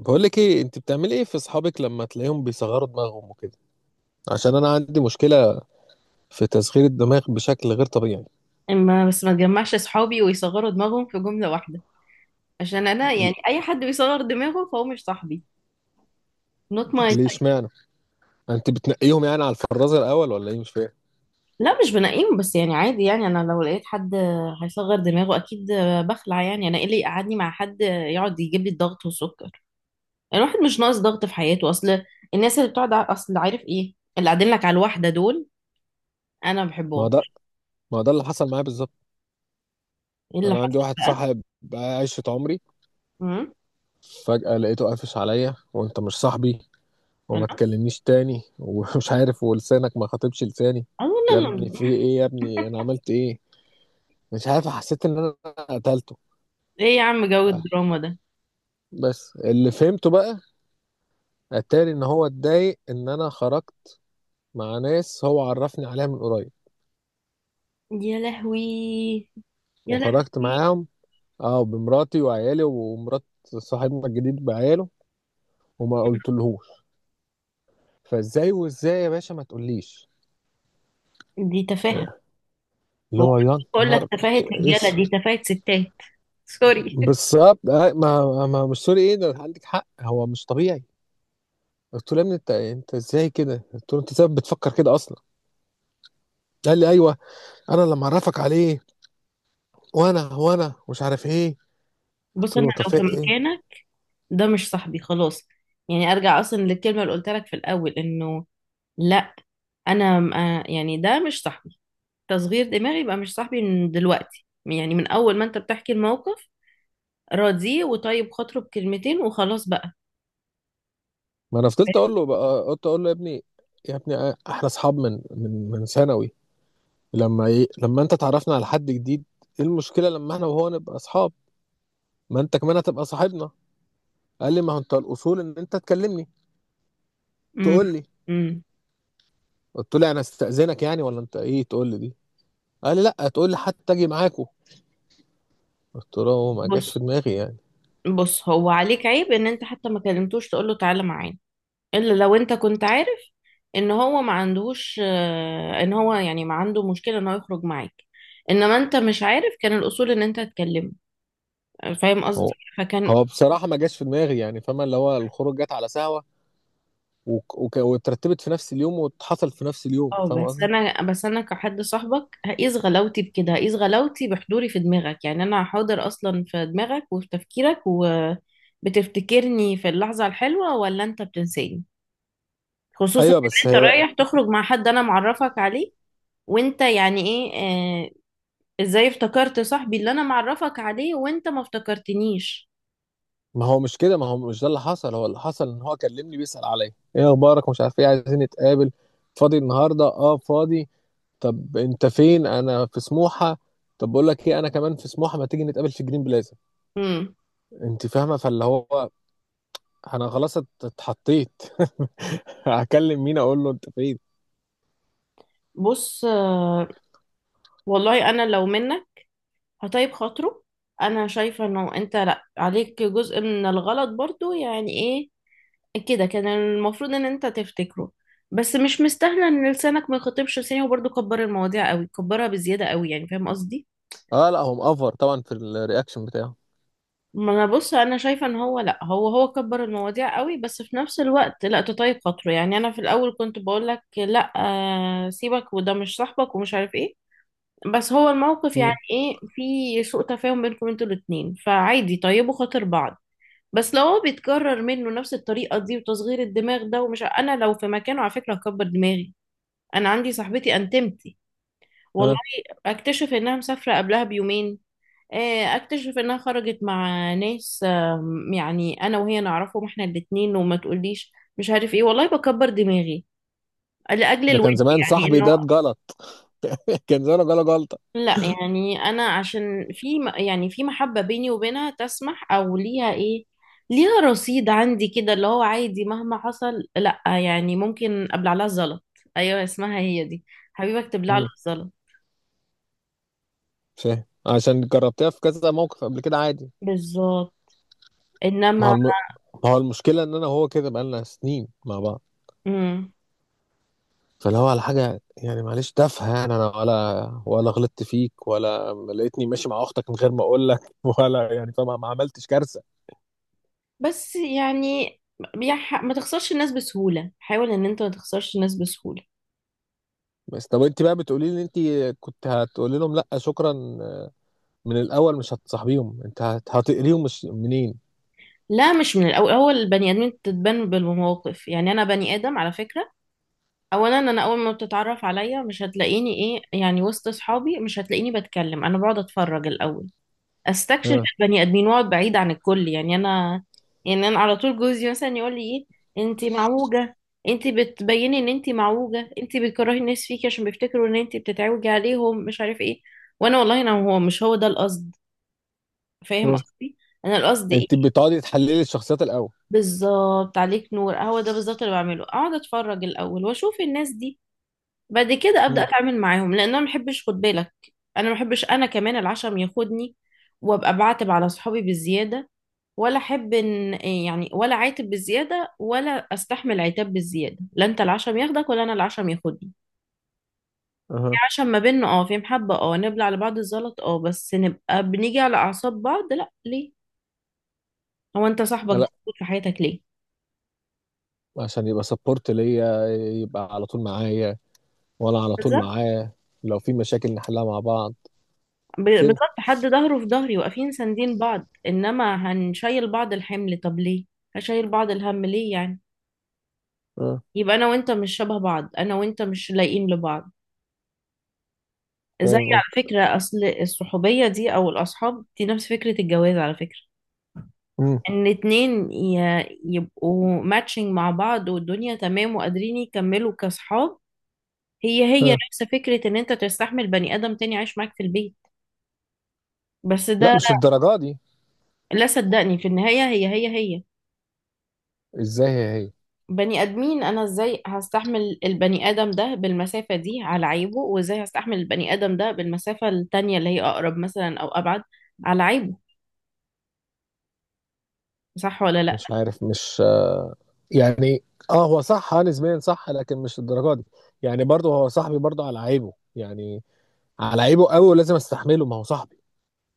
بقول لك ايه، انت بتعملي ايه في اصحابك لما تلاقيهم بيصغروا دماغهم وكده؟ عشان انا عندي مشكله في تصغير الدماغ بشكل غير طبيعي. ما تجمعش صحابي ويصغروا دماغهم في جملة واحدة. عشان انا ال- يعني اي حد بيصغر دماغه فهو مش صاحبي. Not my ليه؟ type. اشمعنى؟ انت بتنقيهم يعني على الفرازه الاول ولا ايه؟ مش فاهم. لا مش بنقيم، بس يعني عادي، يعني انا لو لقيت حد هيصغر دماغه اكيد بخلع. يعني انا ايه اللي يقعدني مع حد يقعد يجيب لي الضغط والسكر؟ الواحد مش ناقص ضغط في حياته. اصل الناس اللي بتقعد ع- اصل عارف ايه اللي قاعدين لك على الواحدة دول، انا ما ما بحبهم. ده ما ده اللي حصل معايا بالظبط. ايه اللي انا عندي حصل؟ واحد بقى. صاحب بقى 10 عمري، امم فجاه لقيته قافش عليا: وانت مش صاحبي وما لا، تكلمنيش تاني ومش عارف، ولسانك ما خاطبش لساني. اه لا يا ابني في لا. ايه؟ يا ابني انا عملت ايه؟ مش عارف، حسيت ان انا قتلته. ايه يا عم جو الدراما ده؟ بس اللي فهمته بقى، اتاري ان هو اتضايق ان انا خرجت مع ناس هو عرفني عليها من قريب، يا لهوي. يا وخرجت لهوي. معاهم، اه، بمراتي وعيالي ومرات صاحبنا الجديد بعياله، وما قلتلهوش. فازاي وازاي يا باشا ما تقوليش؟ دي تفاهة. اللي هو هو يا بقول لك نهار تفاهة رجالة، دي اس. تفاهة ستات. سوري. بالظبط، ما مش سوري، ايه ده؟ عندك حق، هو مش طبيعي. قلت له يا ابني، انت ازاي كده؟ قلت له انت ازاي بتفكر كده اصلا؟ قال لي ايوه، انا لما اعرفك عليه وانا مش عارف ايه. بص قلت انا له طب لو في في ايه؟ مكانك ده مش صاحبي خلاص. يعني ارجع اصلا للكلمة اللي قلت لك في الاول، انه لا، انا م- آه، يعني ده مش صاحبي. تصغير دماغي يبقى مش صاحبي من دلوقتي، يعني من اول ما انت بتحكي الموقف. راضيه وطيب خاطره بكلمتين وخلاص بقى. ما انا فضلت اقول له بقى، قلت اقول له يا ابني، يا ابني احنا اصحاب من ثانوي، لما ايه؟ لما انت تعرفنا على حد جديد، ايه المشكله لما احنا وهو نبقى اصحاب؟ ما انت كمان هتبقى صاحبنا. قال لي ما هو انت الاصول ان انت تكلمني امم تقول لي. امم قلت له انا استاذنك يعني؟ ولا انت ايه تقول لي دي؟ قال لي لا، تقول لي حتى اجي معاكو. قلت له هو ما جاش في بص، دماغي يعني. بص، هو عليك عيب ان انت حتى ما كلمتوش تقول له تعالى معانا. الا لو انت كنت عارف ان هو ما عندهوش ان هو يعني ما عنده مشكلة ان هو يخرج معاك. انما انت مش عارف، كان الاصول ان انت تتكلم. فاهم قصدي؟ هو فكان هو بصراحه ما جاش في دماغي يعني، فاهمه؟ اللي هو الخروج جت على سهوه، واترتبت في نفس اليوم واتحصل في نفس اليوم، اه فاهم بس قصدي؟ انا كحد صاحبك هقيس غلاوتي بكده، هقيس غلاوتي بحضوري في دماغك. يعني انا حاضر اصلا في دماغك وفي تفكيرك، وبتفتكرني في اللحظة الحلوة ولا انت بتنساني؟ خصوصا ايوه ان بس انت هي، رايح تخرج مع حد انا معرفك عليه، وانت يعني ايه ازاي افتكرت صاحبي اللي انا معرفك عليه وانت ما افتكرتنيش؟ ما هو مش كده، ما هو مش ده اللي حصل. هو اللي حصل ان هو كلمني بيسأل عليا: ايه اخبارك ومش عارف ايه، عايزين نتقابل، فاضي النهارده؟ اه فاضي. طب انت فين؟ انا في سموحه. طب بقول لك ايه، انا كمان في سموحه، ما تيجي نتقابل في جرين بلازا؟ امم انت فاهمه؟ فاللي هو انا خلاص اتحطيت. هكلم مين اقول له انت فين؟ بص، والله انا لو منك هطيب خاطره. انا شايفه انه انت لا عليك جزء من الغلط برضو، يعني ايه كده كان المفروض ان انت تفتكره. بس مش مستاهله ان لسانك ما يخاطبش لساني، وبرضو كبر المواضيع قوي، كبرها بزياده قوي يعني. فاهم قصدي؟ اه لا، هو مقفر طبعا في الرياكشن بتاعه. ما انا بص انا شايفه ان هو لا هو هو كبر المواضيع قوي، بس في نفس الوقت لا تطيب خاطره. يعني انا في الاول كنت بقول لك لا، سيبك وده مش صاحبك ومش عارف ايه. بس هو الموقف يعني امم. ايه، في سوء تفاهم بينكم انتوا الاتنين، فعادي طيبوا خاطر بعض. بس لو هو بيتكرر منه نفس الطريقه دي وتصغير الدماغ ده، انا لو في مكانه على فكره هكبر دماغي. انا عندي صاحبتي انتمتي، والله، اه. اكتشف انها مسافره قبلها بيومين، اكتشف انها خرجت مع ناس، يعني انا وهي نعرفهم احنا الاتنين، وما تقوليش مش عارف ايه. والله بكبر دماغي لاجل ده الود. كان زمان يعني صاحبي انه ده اتجلط. كان زمان جاله جلطه. لا، يعني انا عشان يعني في محبة بيني وبينها تسمح، او ليها ايه، ليها رصيد عندي كده اللي هو عادي، مهما حصل لا يعني، ممكن ابلع لها الزلط. ايوه اسمها هي دي، حبيبك تبلع له امم. الزلط. فاهم، عشان جربتها في كذا موقف قبل كده، عادي. بالظبط. ما هو انما الم... ما هو المشكلة إن أنا وهو كده بقالنا سنين مع بعض، مم. فاللي هو على حاجة يعني معلش تافهة، يعني أنا ولا غلطت فيك، ولا لقيتني ماشي مع أختك من غير ما أقول لك، ولا يعني، فما ما عملتش كارثة. بس يعني ما تخسرش الناس بسهولة، حاول ان انت ما تخسرش الناس بسهولة. بس طب أنت بقى بتقولي لي أنت كنت هتقولي لهم لأ شكرا؟ من الأول مش هتصاحبيهم؟ أنت هتقريهم مش منين؟ لا مش من الاول، هو البني ادمين بتتبان بالمواقف. يعني انا بني ادم على فكرة، اولا انا اول ما بتتعرف عليا مش هتلاقيني ايه يعني، وسط اصحابي مش هتلاقيني بتكلم، انا بقعد اتفرج الاول. استكشف ها. البني ادمين واقعد بعيد عن الكل. يعني انا، يعني انا على طول جوزي مثلا يقول لي ايه، انت معوجه، انت بتبيني ان انت معوجه، انت بتكرهي الناس فيكي عشان بيفتكروا ان انت بتتعوجي عليهم مش عارف ايه. وانا والله انا، هو مش هو ده القصد. فاهم ها. قصدي؟ انا القصد ايه، أنت بتقعدي تحللي الشخصيات الأول؟ بالظبط عليك نور، هو ده بالظبط اللي بعمله، اقعد اتفرج الاول واشوف الناس دي، بعد كده ابدا مم. اتعامل معاهم. لان انا ما بحبش، خد بالك، انا ما بحبش، انا كمان العشم ياخدني وابقى بعاتب على صحابي بالزياده، ولا احب ان، يعني ولا عاتب بالزياده ولا استحمل عتاب بالزياده. لا انت العشم ياخدك ولا انا العشم ياخدني. في أها. عشم ما بيننا، اه، في محبه، اه، نبلع على بعض الزلط، اه، بس نبقى بنيجي على اعصاب بعض لا، ليه؟ هو انت صاحبك ده لأ، موجود في حياتك ليه؟ عشان يبقى سبورت ليا، يبقى على طول معايا، وانا على طول بالظبط. معاه، لو في مشاكل نحلها مع بعض ب- كده. بالظبط حد ظهره في ظهري، واقفين ساندين بعض، انما هنشيل بعض الحمل طب ليه؟ هشيل بعض الهم ليه يعني؟ اه يبقى انا وانت مش شبه بعض، انا وانت مش لايقين لبعض. زي فاهم قصدك. على فكرة، اصل الصحوبية دي او الاصحاب دي نفس فكرة الجواز على فكرة. أمم. ان اتنين يبقوا ماتشنج مع بعض والدنيا تمام وقادرين يكملوا كاصحاب. هي هي اه نفس فكرة ان انت تستحمل بني ادم تاني عايش معاك في البيت. بس لا، ده، مش الدرجه دي. لا صدقني في النهاية هي هي ازاي هي هي؟ بني ادمين. انا ازاي هستحمل البني ادم ده بالمسافه دي على عيبه، وازاي هستحمل البني ادم ده بالمسافه التانية اللي هي اقرب مثلا او ابعد على عيبه؟ صح ولا لا؟ مش عارف، مش يعني، اه هو صح، نسبيا صح، لكن مش الدرجه دي. يعني برضه هو صاحبي برضه على عيبه، يعني على عيبه قوي ولازم استحمله، ما هو صاحبي.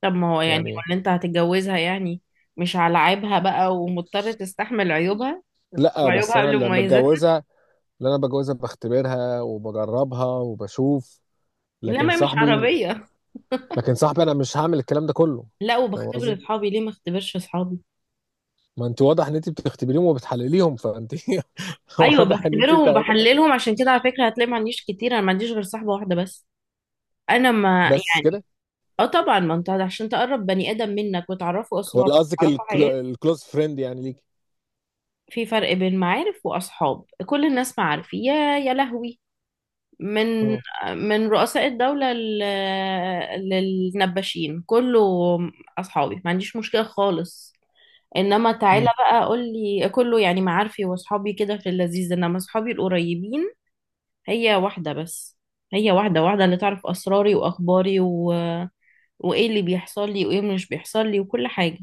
طب ما هو يعني هو يعني اللي انت هتتجوزها يعني، مش على عيبها بقى ومضطر تستحمل عيوبها، لا بس وعيوبها انا قبل اللي مميزاتها. بتجوزها، اللي انا بتجوزها بختبرها وبجربها وبشوف، لا لكن ما هي مش صاحبي، عربيه. لكن صاحبي انا مش هعمل الكلام ده كله. لا، فاهم وبختبر قصدي؟ اصحابي، ليه ما اختبرش اصحابي؟ ما انت واضح ان انت بتختبريهم وبتحلليهم، فانت ايوه واضح ان انت بختبرهم تعبت. بحللهم. عشان كده على فكره هتلاقي ما عنديش كتير، انا ما عنديش غير صاحبه واحده بس. انا ما بس يعني، كده؟ اه طبعا، ما انت عشان تقرب بني ادم منك وتعرفه اسرارك ولا قصدك وتعرفه حياتك. الكلوز فريند يعني ليك؟ في فرق بين معارف واصحاب، كل الناس معارف يا، يا لهوي، من اه. من رؤساء الدولة للنباشين كله. اصحابي، ما عنديش مشكلة خالص. انما تعالى مم. بقى قول لي، كله يعني معارفي واصحابي كده في اللذيذ، انما اصحابي القريبين هي واحدة بس. هي واحدة، واحدة اللي تعرف اسراري واخباري و... وايه اللي بيحصل لي وايه مش بيحصل لي وكل حاجة.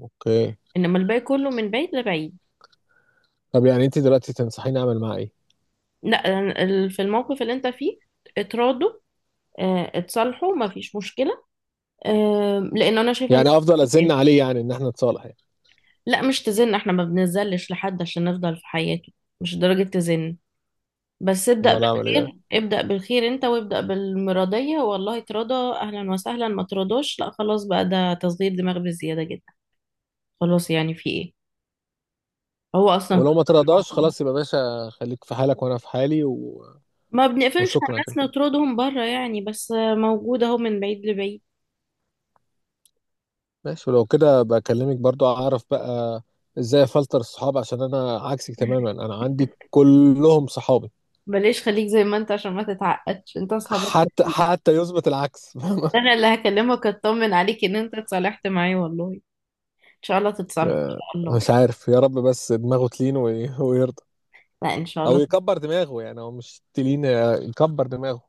اوكي. انما الباقي كله من بعيد لبعيد. طب يعني انت دلوقتي تنصحيني اعمل معاه ايه؟ لا يعني في الموقف اللي انت فيه اتراضوا، اه، اتصالحوا، ما فيش مشكلة. اه، لان انا شايفة ان، يعني افضل ازن عليه يعني ان احنا نتصالح يعني؟ لا مش تزن، احنا ما بنزلش لحد عشان نفضل في حياته، مش درجة تزن. بس ابدأ امال اعمل ايه بقى؟ بالخير، ابدأ بالخير انت وابدأ بالمرضية. والله ترضى اهلا وسهلا، ما ترضاش لا خلاص بقى، ده تصغير دماغ بزيادة جدا. خلاص يعني في ايه، هو اصلا ولو ما كبر ترضاش، الموضوع. خلاص، يبقى باشا خليك في حالك وانا في حالي، و... ما بنقفلش على وشكرا الناس كده؟ نطردهم بره يعني، بس موجود اهو من بعيد لبعيد. ماشي، ولو كده بكلمك برضو، اعرف بقى ازاي افلتر الصحاب، عشان انا عكسك تماما، انا عندي كلهم صحابي بلاش خليك زي ما انت عشان ما تتعقدش، انت اصحابك حتى حلوين. حتى يثبت العكس. انا اللي هكلمك اطمن عليك ان انت اتصالحت معاه، والله ان شاء الله تتصالحوا ان آه، شاء الله. مش عارف، يا رب بس دماغه تلين ويرضى، لا ان شاء او الله. يكبر دماغه، يعني هو مش تلين، يكبر دماغه.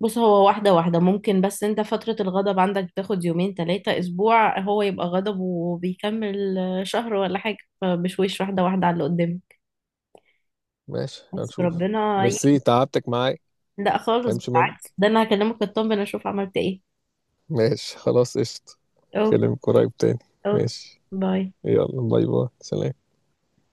بص هو واحده واحده ممكن، بس انت فتره الغضب عندك تاخد يومين ثلاثه اسبوع، هو يبقى غضب وبيكمل شهر ولا حاجه، فبشويش واحده واحده على اللي قدامك. ماشي بس هنشوف. ربنا ميرسي تعبتك معايا. لا خالص متفهمش بالعكس، منك. ده انا هكلمك اطمن اشوف عملت ايه. ماشي خلاص، قشطة. اوكي. اكلمك قريب تاني. اوكي. ماشي، باي. يلا باي باي سلام.